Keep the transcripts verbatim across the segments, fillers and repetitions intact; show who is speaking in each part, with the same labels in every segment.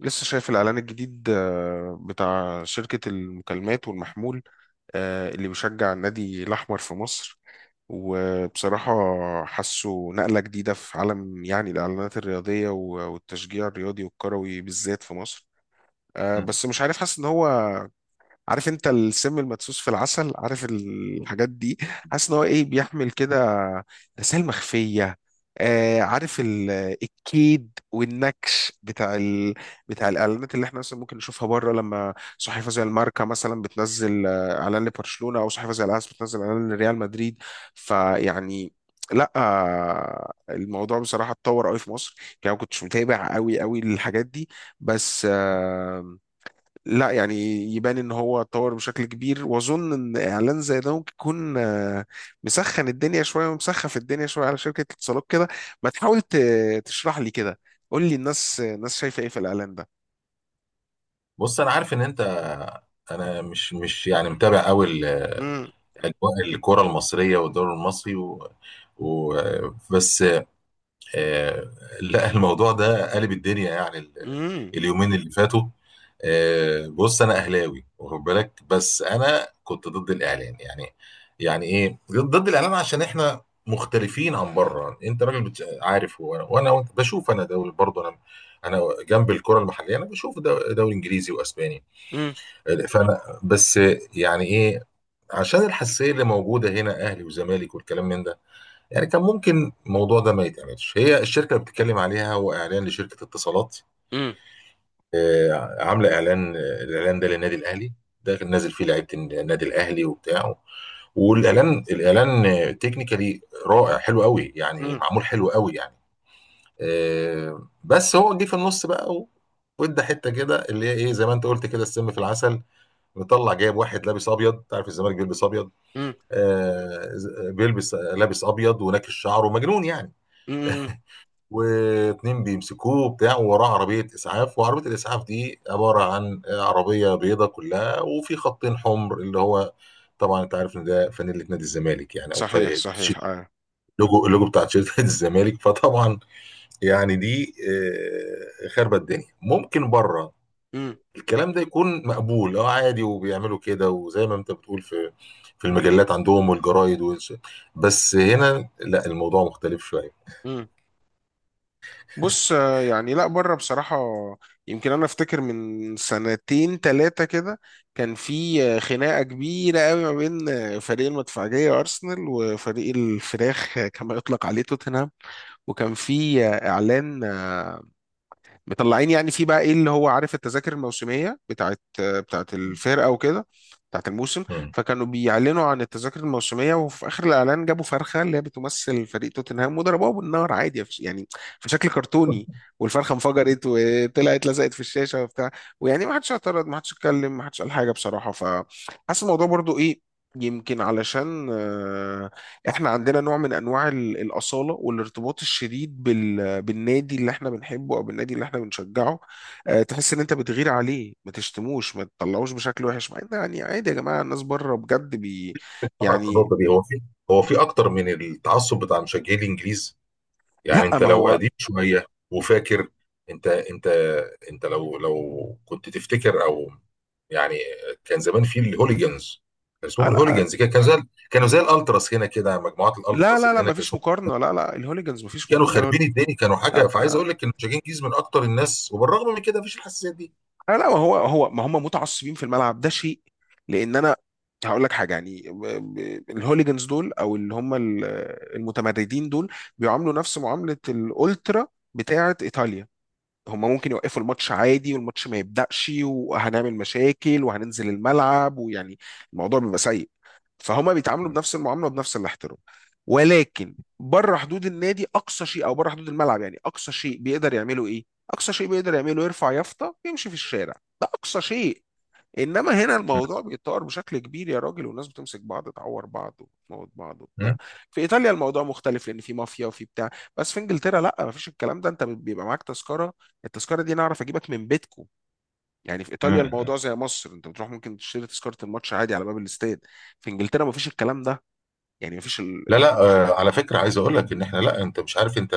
Speaker 1: لسه شايف الإعلان الجديد، آه، بتاع شركة المكالمات والمحمول، آه، اللي بيشجع النادي الأحمر في مصر. وبصراحة حاسه نقلة جديدة في عالم، يعني الإعلانات الرياضية و- والتشجيع الرياضي والكروي بالذات في مصر. آه،
Speaker 2: مم.
Speaker 1: بس مش عارف، حاسس إن هو، عارف انت، السم المدسوس في العسل، عارف الحاجات دي. حاسس ان هو ايه، بيحمل كده رسائل مخفية. آه عارف ال- الكيد والنكش بتاع ال... بتاع الاعلانات اللي احنا مثلا ممكن نشوفها بره، لما صحيفه زي الماركا مثلا بتنزل، آه، اعلان لبرشلونه، او صحيفه زي الاس بتنزل اعلان لريال مدريد. فيعني، لا آه، الموضوع بصراحه اتطور قوي في مصر. يعني ما كنتش متابع قوي قوي للحاجات دي، بس لا يعني يبان ان هو اتطور بشكل كبير، واظن ان اعلان زي ده ممكن يكون آه، مسخن الدنيا شويه ومسخف الدنيا شويه على شركه الاتصالات كده. ما تحاول ت- تشرح لي كده، قول لي، الناس الناس شايفه ايه في الاعلان ده؟
Speaker 2: بص، انا عارف ان انت. انا مش مش يعني متابع قوي ال-
Speaker 1: مم.
Speaker 2: اجواء الكره المصريه والدوري المصري و... و... بس. آه، لا، الموضوع ده قلب الدنيا، يعني ال-
Speaker 1: مم.
Speaker 2: اليومين اللي فاتوا. آه، بص، انا اهلاوي واخد بالك، بس انا كنت ضد الاعلان يعني. يعني ايه ضد الاعلان؟ عشان احنا مختلفين عن بره. انت راجل بت- عارف، وانا وانا وأنت- بشوف انا دوري برضه. انا انا جنب الكره المحليه، انا بشوف دو- دوري انجليزي واسباني.
Speaker 1: مم.
Speaker 2: فانا بس يعني ايه؟ عشان الحساسيه اللي موجوده هنا، اهلي وزمالك والكلام من ده، يعني كان ممكن الموضوع ده ما يتعملش. هي الشركه اللي بتتكلم عليها هو اعلان لشركه اتصالات،
Speaker 1: مم.
Speaker 2: آه، عامله اعلان. الاعلان ده للنادي الاهلي، ده كان نازل فيه لعيبه النادي الاهلي وبتاع. والاعلان الاعلان تكنيكالي رائع، حلو قوي يعني،
Speaker 1: مم.
Speaker 2: معمول حلو قوي يعني. آه، بس هو جه في النص بقى و- وادى حته كده اللي هي ايه، زي ما انت قلت كده، السم في العسل. مطلع جايب واحد لابس ابيض، انت عارف الزمالك بيلبس ابيض.
Speaker 1: مم.
Speaker 2: آه بيلبس لابس ابيض وناكش شعره مجنون يعني،
Speaker 1: مم.
Speaker 2: واتنين بيمسكوه بتاع، ووراه عربيه اسعاف. وعربيه الاسعاف دي عباره عن عربيه بيضه كلها وفي خطين حمر، اللي هو طبعا انت عارف ان ده فانيله نادي الزمالك يعني، او
Speaker 1: صحيح
Speaker 2: فريق
Speaker 1: صحيح،
Speaker 2: تيشيرت-
Speaker 1: اه.
Speaker 2: اللوجو اللوجو بتاع تيشيرت نادي الزمالك فطبعا يعني دي آه، خربت الدنيا. ممكن بره الكلام ده يكون مقبول، اه، عادي، وبيعملوا كده، وزي ما انت بتقول في في المجلات عندهم والجرايد والش... بس هنا لا، الموضوع مختلف شويه.
Speaker 1: مم. بص، آه، يعني لا بره بصراحة، يمكن أنا أفتكر من سنتين تلاتة كده كان في آه، خناقة كبيرة قوي ما بين آه، فريق المدفعجية أرسنال وفريق الفراخ، آه، كما يطلق عليه، توتنهام. وكان في آه، إعلان، آه، مطلعين يعني في بقى ايه، اللي هو عارف، التذاكر الموسميه بتاعت بتاعت الفرقه وكده، بتاعت الموسم.
Speaker 2: مم.
Speaker 1: فكانوا بيعلنوا عن التذاكر الموسميه، وفي اخر الاعلان جابوا فرخه اللي هي بتمثل فريق توتنهام وضربوها بالنار عادي، في- يعني في شكل كرتوني، والفرخه انفجرت وطلعت لزقت في الشاشه وبتاع. ويعني ما حدش اعترض، ما حدش اتكلم، ما حدش قال حاجه بصراحه. فحاسس الموضوع برضو ايه، يمكن علشان آه، احنا عندنا نوع من انواع ال- الاصاله والارتباط الشديد بال... بالنادي اللي احنا بنحبه، او بالنادي اللي احنا بنشجعه. أه، تحس ان انت بتغير عليه، ما تشتموش، ما تطلعوش بشكل وحش. مع ان يعني عادي يا جماعه، الناس بره بجد بي،
Speaker 2: طبعا في
Speaker 1: يعني
Speaker 2: النقطه دي هو في هو في اكتر من التعصب بتاع مشجعي الانجليز، يعني
Speaker 1: لا
Speaker 2: انت
Speaker 1: ما
Speaker 2: لو
Speaker 1: هو،
Speaker 2: قديم شويه وفاكر. انت انت انت لو لو كنت تفتكر او يعني. كان زمان في الهوليجنز، كان
Speaker 1: آه
Speaker 2: اسمهم
Speaker 1: لا
Speaker 2: الهوليجنز كده، كانوا زي كانوا زي الالتراس هنا كده، مجموعات
Speaker 1: لا
Speaker 2: الالتراس
Speaker 1: لا.
Speaker 2: اللي
Speaker 1: لا
Speaker 2: هنا
Speaker 1: ما
Speaker 2: كان
Speaker 1: فيش
Speaker 2: اسمهم
Speaker 1: مقارنه، لا لا، الهوليجانز ما فيش
Speaker 2: كانوا
Speaker 1: مقارنه.
Speaker 2: خاربين الدنيا. كانوا حاجه، فعايز
Speaker 1: لا
Speaker 2: اقول لك ان شاكين جيز من اكتر الناس، وبالرغم من كده مفيش الحساسيات دي.
Speaker 1: لا لا، ما هو، هو ما هم متعصبين في الملعب، ده شيء. لان انا هقول لك حاجه، يعني ب- ب- الهوليجنز دول، او اللي هم ال- المتمردين دول، بيعاملوا نفس معامله الالترا بتاعه ايطاليا. هم ممكن يوقفوا الماتش عادي، والماتش ما يبدأش، وهنعمل مشاكل، وهننزل الملعب، ويعني الموضوع بيبقى سيء. فهما بيتعاملوا بنفس المعامله وبنفس الاحترام. ولكن بره حدود النادي، اقصى شيء، او بره حدود الملعب، يعني اقصى شيء بيقدر يعمله ايه؟ اقصى شيء بيقدر يعمله، يرفع يافطه ويمشي في الشارع. ده اقصى شيء. انما هنا
Speaker 2: م-
Speaker 1: الموضوع بيتطور بشكل كبير يا راجل، والناس بتمسك بعض، تعور بعض، وتموت بعض وبتاع.
Speaker 2: م-
Speaker 1: في ايطاليا الموضوع مختلف، لان في مافيا وفي بتاع. بس في انجلترا لا، مفيش الكلام ده. انت بيبقى معاك تذكره. التذكره دي انا اعرف اجيبك من بيتكو. يعني في ايطاليا
Speaker 2: م-
Speaker 1: الموضوع زي مصر، انت بتروح ممكن تشتري تذكره الماتش عادي على باب الاستاد. في انجلترا مفيش الكلام ده، يعني مفيش ال...
Speaker 2: لا
Speaker 1: ال...
Speaker 2: لا، آه، على فكره عايز اقول لك ان احنا. لا انت مش عارف، انت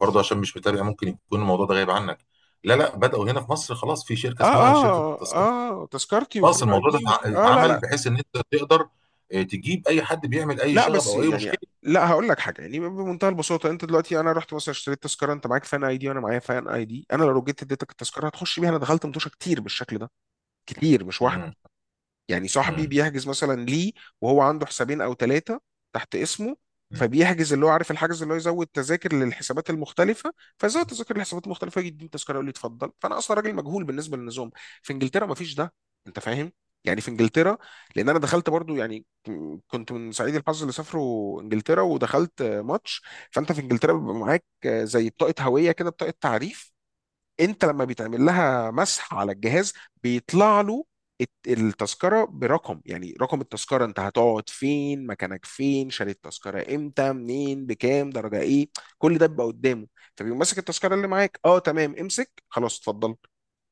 Speaker 2: برضه عشان مش متابع ممكن يكون الموضوع ده غايب عنك. لا لا، بداوا هنا في مصر خلاص، في شركه
Speaker 1: اه
Speaker 2: اسمها شركه
Speaker 1: اه
Speaker 2: تذكره.
Speaker 1: اه، تذكرتي،
Speaker 2: خلاص
Speaker 1: وفين اي
Speaker 2: الموضوع ده
Speaker 1: دي، وك...
Speaker 2: اتع-
Speaker 1: اه لا
Speaker 2: اتعمل
Speaker 1: لا.
Speaker 2: بحيث ان انت تقدر، آه، تجيب اي حد بيعمل اي
Speaker 1: لا
Speaker 2: شغب
Speaker 1: بس
Speaker 2: او اي
Speaker 1: يعني،
Speaker 2: مشكله.
Speaker 1: لا هقول لك حاجه، يعني بمنتهى البساطه، انت دلوقتي، انا رحت مثلا اشتريت تذكره، انت معاك فان اي دي، وانا معايا فان اي دي. انا لو جيت اديتك التذكره، هتخش بيها. انا دخلت متوشه كتير بالشكل ده، كتير مش واحده.
Speaker 2: م-
Speaker 1: يعني صاحبي
Speaker 2: م-
Speaker 1: بيحجز مثلا ليه، وهو عنده حسابين او ثلاثه تحت اسمه.
Speaker 2: م-
Speaker 1: فبيحجز اللي هو، عارف الحجز، اللي هو يزود تذاكر للحسابات المختلفه. فزود تذاكر للحسابات المختلفه، يجي يديني تذكره، يقول لي اتفضل. فانا اصلا راجل مجهول بالنسبه للنظام. في انجلترا ما فيش ده. انت فاهم؟ يعني في انجلترا، لان انا دخلت برضو، يعني ك- كنت من سعيد الحظ اللي سافروا انجلترا ودخلت آه، ماتش. فانت في انجلترا بيبقى معاك آه، زي بطاقه هويه كده، بطاقه تعريف. انت لما بيتعمل لها مسح على الجهاز، بيطلع له الت- التذكره برقم، يعني رقم التذكره، انت هتقعد فين، مكانك فين، شاري التذكره امتى، منين، بكام، درجه ايه. كل ده بيبقى قدامه. فبيقوم ماسك التذكره اللي معاك، اه تمام امسك، خلاص اتفضل.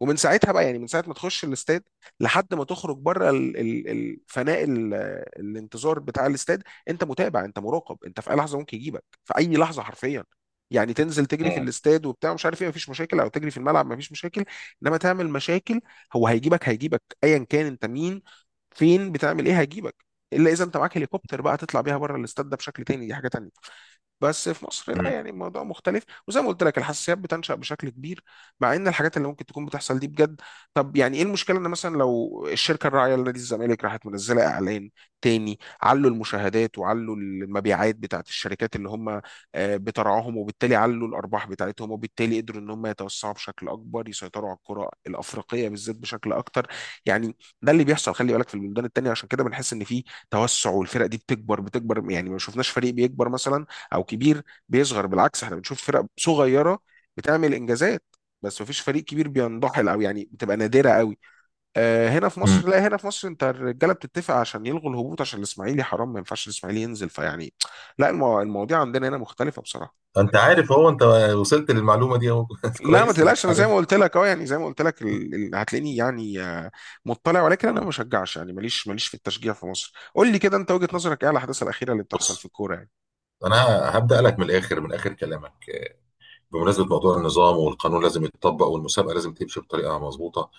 Speaker 1: ومن ساعتها بقى، يعني من ساعه ما تخش الاستاد لحد ما تخرج بره ال- ال- الفناء، ال- الانتظار بتاع الاستاد، انت متابع، انت مراقب، انت في اي لحظه ممكن يجيبك، في اي لحظه حرفيا. يعني تنزل تجري في
Speaker 2: م-
Speaker 1: الاستاد وبتاع مش عارف ايه، مفيش مشاكل. او تجري في الملعب، مفيش مشاكل. انما تعمل مشاكل، هو هيجيبك، هيجيبك ايا كان انت مين، فين، بتعمل ايه، هيجيبك. الا اذا انت معاك هليكوبتر بقى، تطلع بيها بره الاستاد، ده بشكل تاني، دي حاجه تانيه. بس في مصر لا،
Speaker 2: م-
Speaker 1: يعني الموضوع مختلف، وزي ما قلت لك الحساسيات بتنشأ بشكل كبير، مع ان الحاجات اللي ممكن تكون بتحصل دي بجد. طب يعني ايه المشكله ان مثلا لو الشركه الراعيه لنادي الزمالك راحت منزله اعلان تاني؟ علوا المشاهدات، وعلوا المبيعات بتاعت الشركات اللي هم آه، بترعاهم، وبالتالي علوا الارباح بتاعتهم، وبالتالي قدروا ان هم يتوسعوا بشكل اكبر، يسيطروا على الكره الافريقيه بالذات بشكل اكتر يعني. ده اللي بيحصل، خلي بالك، في البلدان التانيه. عشان كده بنحس ان في توسع، والفرق دي بتكبر بتكبر. يعني ما شفناش فريق بيكبر مثلا، او كبير بيصغر. بالعكس احنا بنشوف فرق صغيره بتعمل انجازات، بس مفيش فريق كبير بينضحل، او يعني بتبقى نادره قوي. آه، هنا في
Speaker 2: م.
Speaker 1: مصر لا، هنا في مصر انت الرجاله بتتفق عشان يلغوا الهبوط، عشان الاسماعيلي حرام، ما ينفعش الاسماعيلي ينزل. فيعني لا، المو... المواضيع عندنا هنا مختلفه بصراحه.
Speaker 2: انت عارف هو انت وصلت للمعلومه دي اهو
Speaker 1: لا ما
Speaker 2: كويس
Speaker 1: تقلقش،
Speaker 2: انك
Speaker 1: انا زي ما
Speaker 2: عارف.
Speaker 1: قلت لك اه، يعني زي ما قلت لك ال... ال- هتلاقيني يعني آه، مطلع، ولكن انا ما بشجعش يعني. ماليش ماليش في التشجيع في مصر. قول لي كده، انت وجهه نظرك ايه على الاحداث الاخيره اللي بتحصل
Speaker 2: بص،
Speaker 1: في الكوره يعني؟
Speaker 2: انا هبدا لك من الاخر، من اخر كلامك. بمناسبه موضوع النظام والقانون لازم يتطبق، والمسابقه لازم تمشي بطريقه مظبوطه.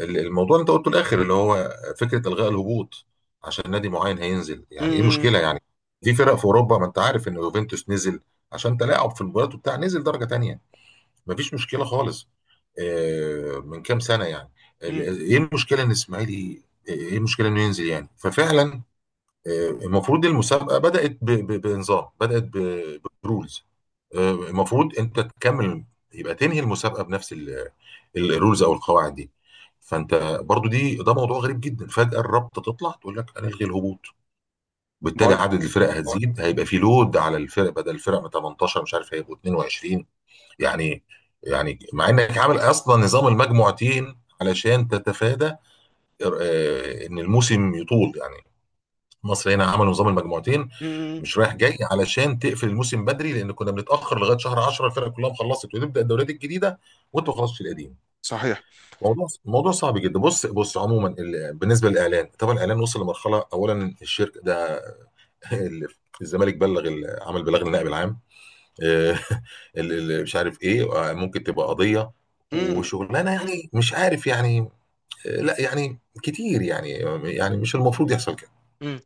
Speaker 2: ال- الموضوع اللي انت قلته الاخر، اللي هو فكره الغاء الهبوط عشان نادي معين هينزل،
Speaker 1: امم
Speaker 2: يعني ايه
Speaker 1: امم
Speaker 2: المشكله يعني؟ في فرق في اوروبا، ما انت عارف ان يوفنتوس نزل عشان تلاعب في المباريات وبتاع، نزل درجه تانية. مفيش مشكله خالص. آه، من كام سنه يعني. ال-
Speaker 1: مم.
Speaker 2: ايه المشكله ان اسماعيلي، ايه المشكله انه ينزل يعني؟ ففعلا، آه، المفروض المسابقه بدات ب- ب- بنظام، بدات برولز. آه، المفروض انت تكمل، يبقى تنهي المسابقه بنفس ال- ال- الرولز او القواعد دي. فانت برضو دي، ده موضوع غريب جدا. فجاه الرابطه تطلع تقول لك هنلغي الهبوط، بالتالي
Speaker 1: بقول.
Speaker 2: عدد الفرق هتزيد، هيبقى في لود على الفرق، بدل الفرق من تمنتاشر مش عارف هيبقوا اتنين وعشرين. يعني يعني مع انك عامل اصلا نظام المجموعتين علشان تتفادى آه، ان الموسم يطول يعني. مصر هنا عملوا نظام المجموعتين
Speaker 1: مم.
Speaker 2: مش رايح جاي علشان تقفل الموسم بدري، لان كنا بنتاخر لغايه شهر عشرة الفرق كلها خلصت وتبدا الدوريات الجديده، وانت ما خلصتش القديم.
Speaker 1: صحيح.
Speaker 2: موضوع موضوع صعب جدا. بص بص، عموما ال- بالنسبه للاعلان، طبعا الاعلان وصل لمرحله. اولا الشركه ده ال- الزمالك بلغ، ال- عمل بلاغ للنائب العام. آه، ال- ال- مش عارف ايه، آه، ممكن تبقى قضيه وشغلانه يعني، مش عارف يعني. آه، لا يعني كتير يعني، يعني مش المفروض يحصل كده.
Speaker 1: مم.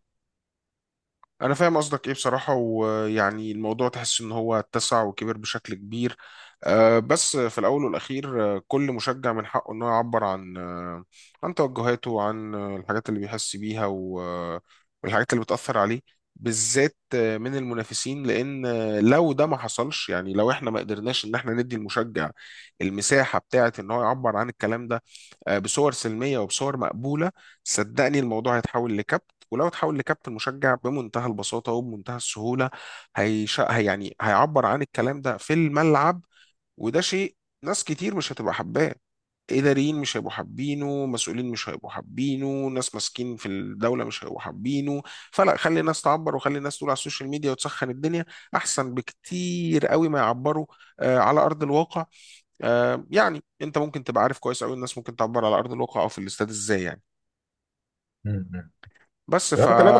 Speaker 1: انا فاهم قصدك ايه بصراحه. ويعني الموضوع تحس ان هو اتسع وكبر بشكل كبير. آه، بس في الاول والاخير، آه، كل مشجع من حقه انه يعبر عن آه، عن توجهاته، وعن آه، الحاجات اللي بيحس بيها، و- آه، والحاجات اللي بتاثر عليه، بالذات آه، من المنافسين. لان آه، لو ده ما حصلش، يعني لو احنا ما قدرناش ان احنا ندي المشجع المساحه بتاعه ان هو يعبر عن الكلام ده آه، بصور سلميه وبصور مقبوله، صدقني الموضوع هيتحول لكبت. ولو تحاول لكابت المشجع بمنتهى البساطة وبمنتهى السهولة، هيش... هي يعني هيعبر عن الكلام ده في الملعب. وده شيء ناس كتير مش هتبقى حباه، إداريين مش هيبقوا حابينه، مسؤولين مش هيبقوا حابينه، ناس ماسكين في الدولة مش هيبقوا حابينه. فلا، خلي الناس تعبر، وخلي الناس تقول على السوشيال ميديا وتسخن الدنيا، أحسن بكتير قوي ما يعبروا آه على أرض الواقع. آه يعني، أنت ممكن تبقى عارف كويس قوي الناس ممكن تعبر على أرض الواقع أو في الاستاد إزاي يعني.
Speaker 2: مم.
Speaker 1: بس ف
Speaker 2: فانت لا،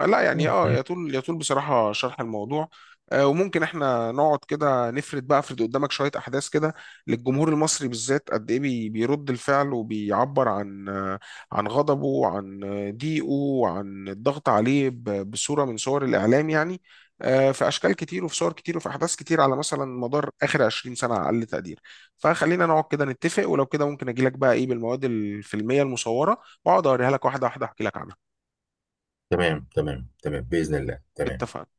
Speaker 1: لا يعني اه،
Speaker 2: بأس.
Speaker 1: يطول يطول بصراحة شرح الموضوع. آه، وممكن احنا نقعد كده نفرد، بقى افرد قدامك شوية احداث كده، للجمهور المصري بالذات، قد ايه بي- بيرد الفعل وبيعبر عن آه، عن غضبه، وعن آه، ضيقه، وعن الضغط عليه ب- بصورة من صور الاعلام يعني. آه، في اشكال كتير، وفي صور كتير، وفي احداث كتير، على مثلا مدار اخر عشرين سنة على اقل تقدير. فخلينا نقعد كده نتفق، ولو كده ممكن اجي لك بقى ايه بالمواد الفيلمية المصورة، واقعد اوريها لك واحدة واحدة، احكي لك عنها.
Speaker 2: تمام تمام تمام، بإذن الله. تمام.
Speaker 1: اتفقنا.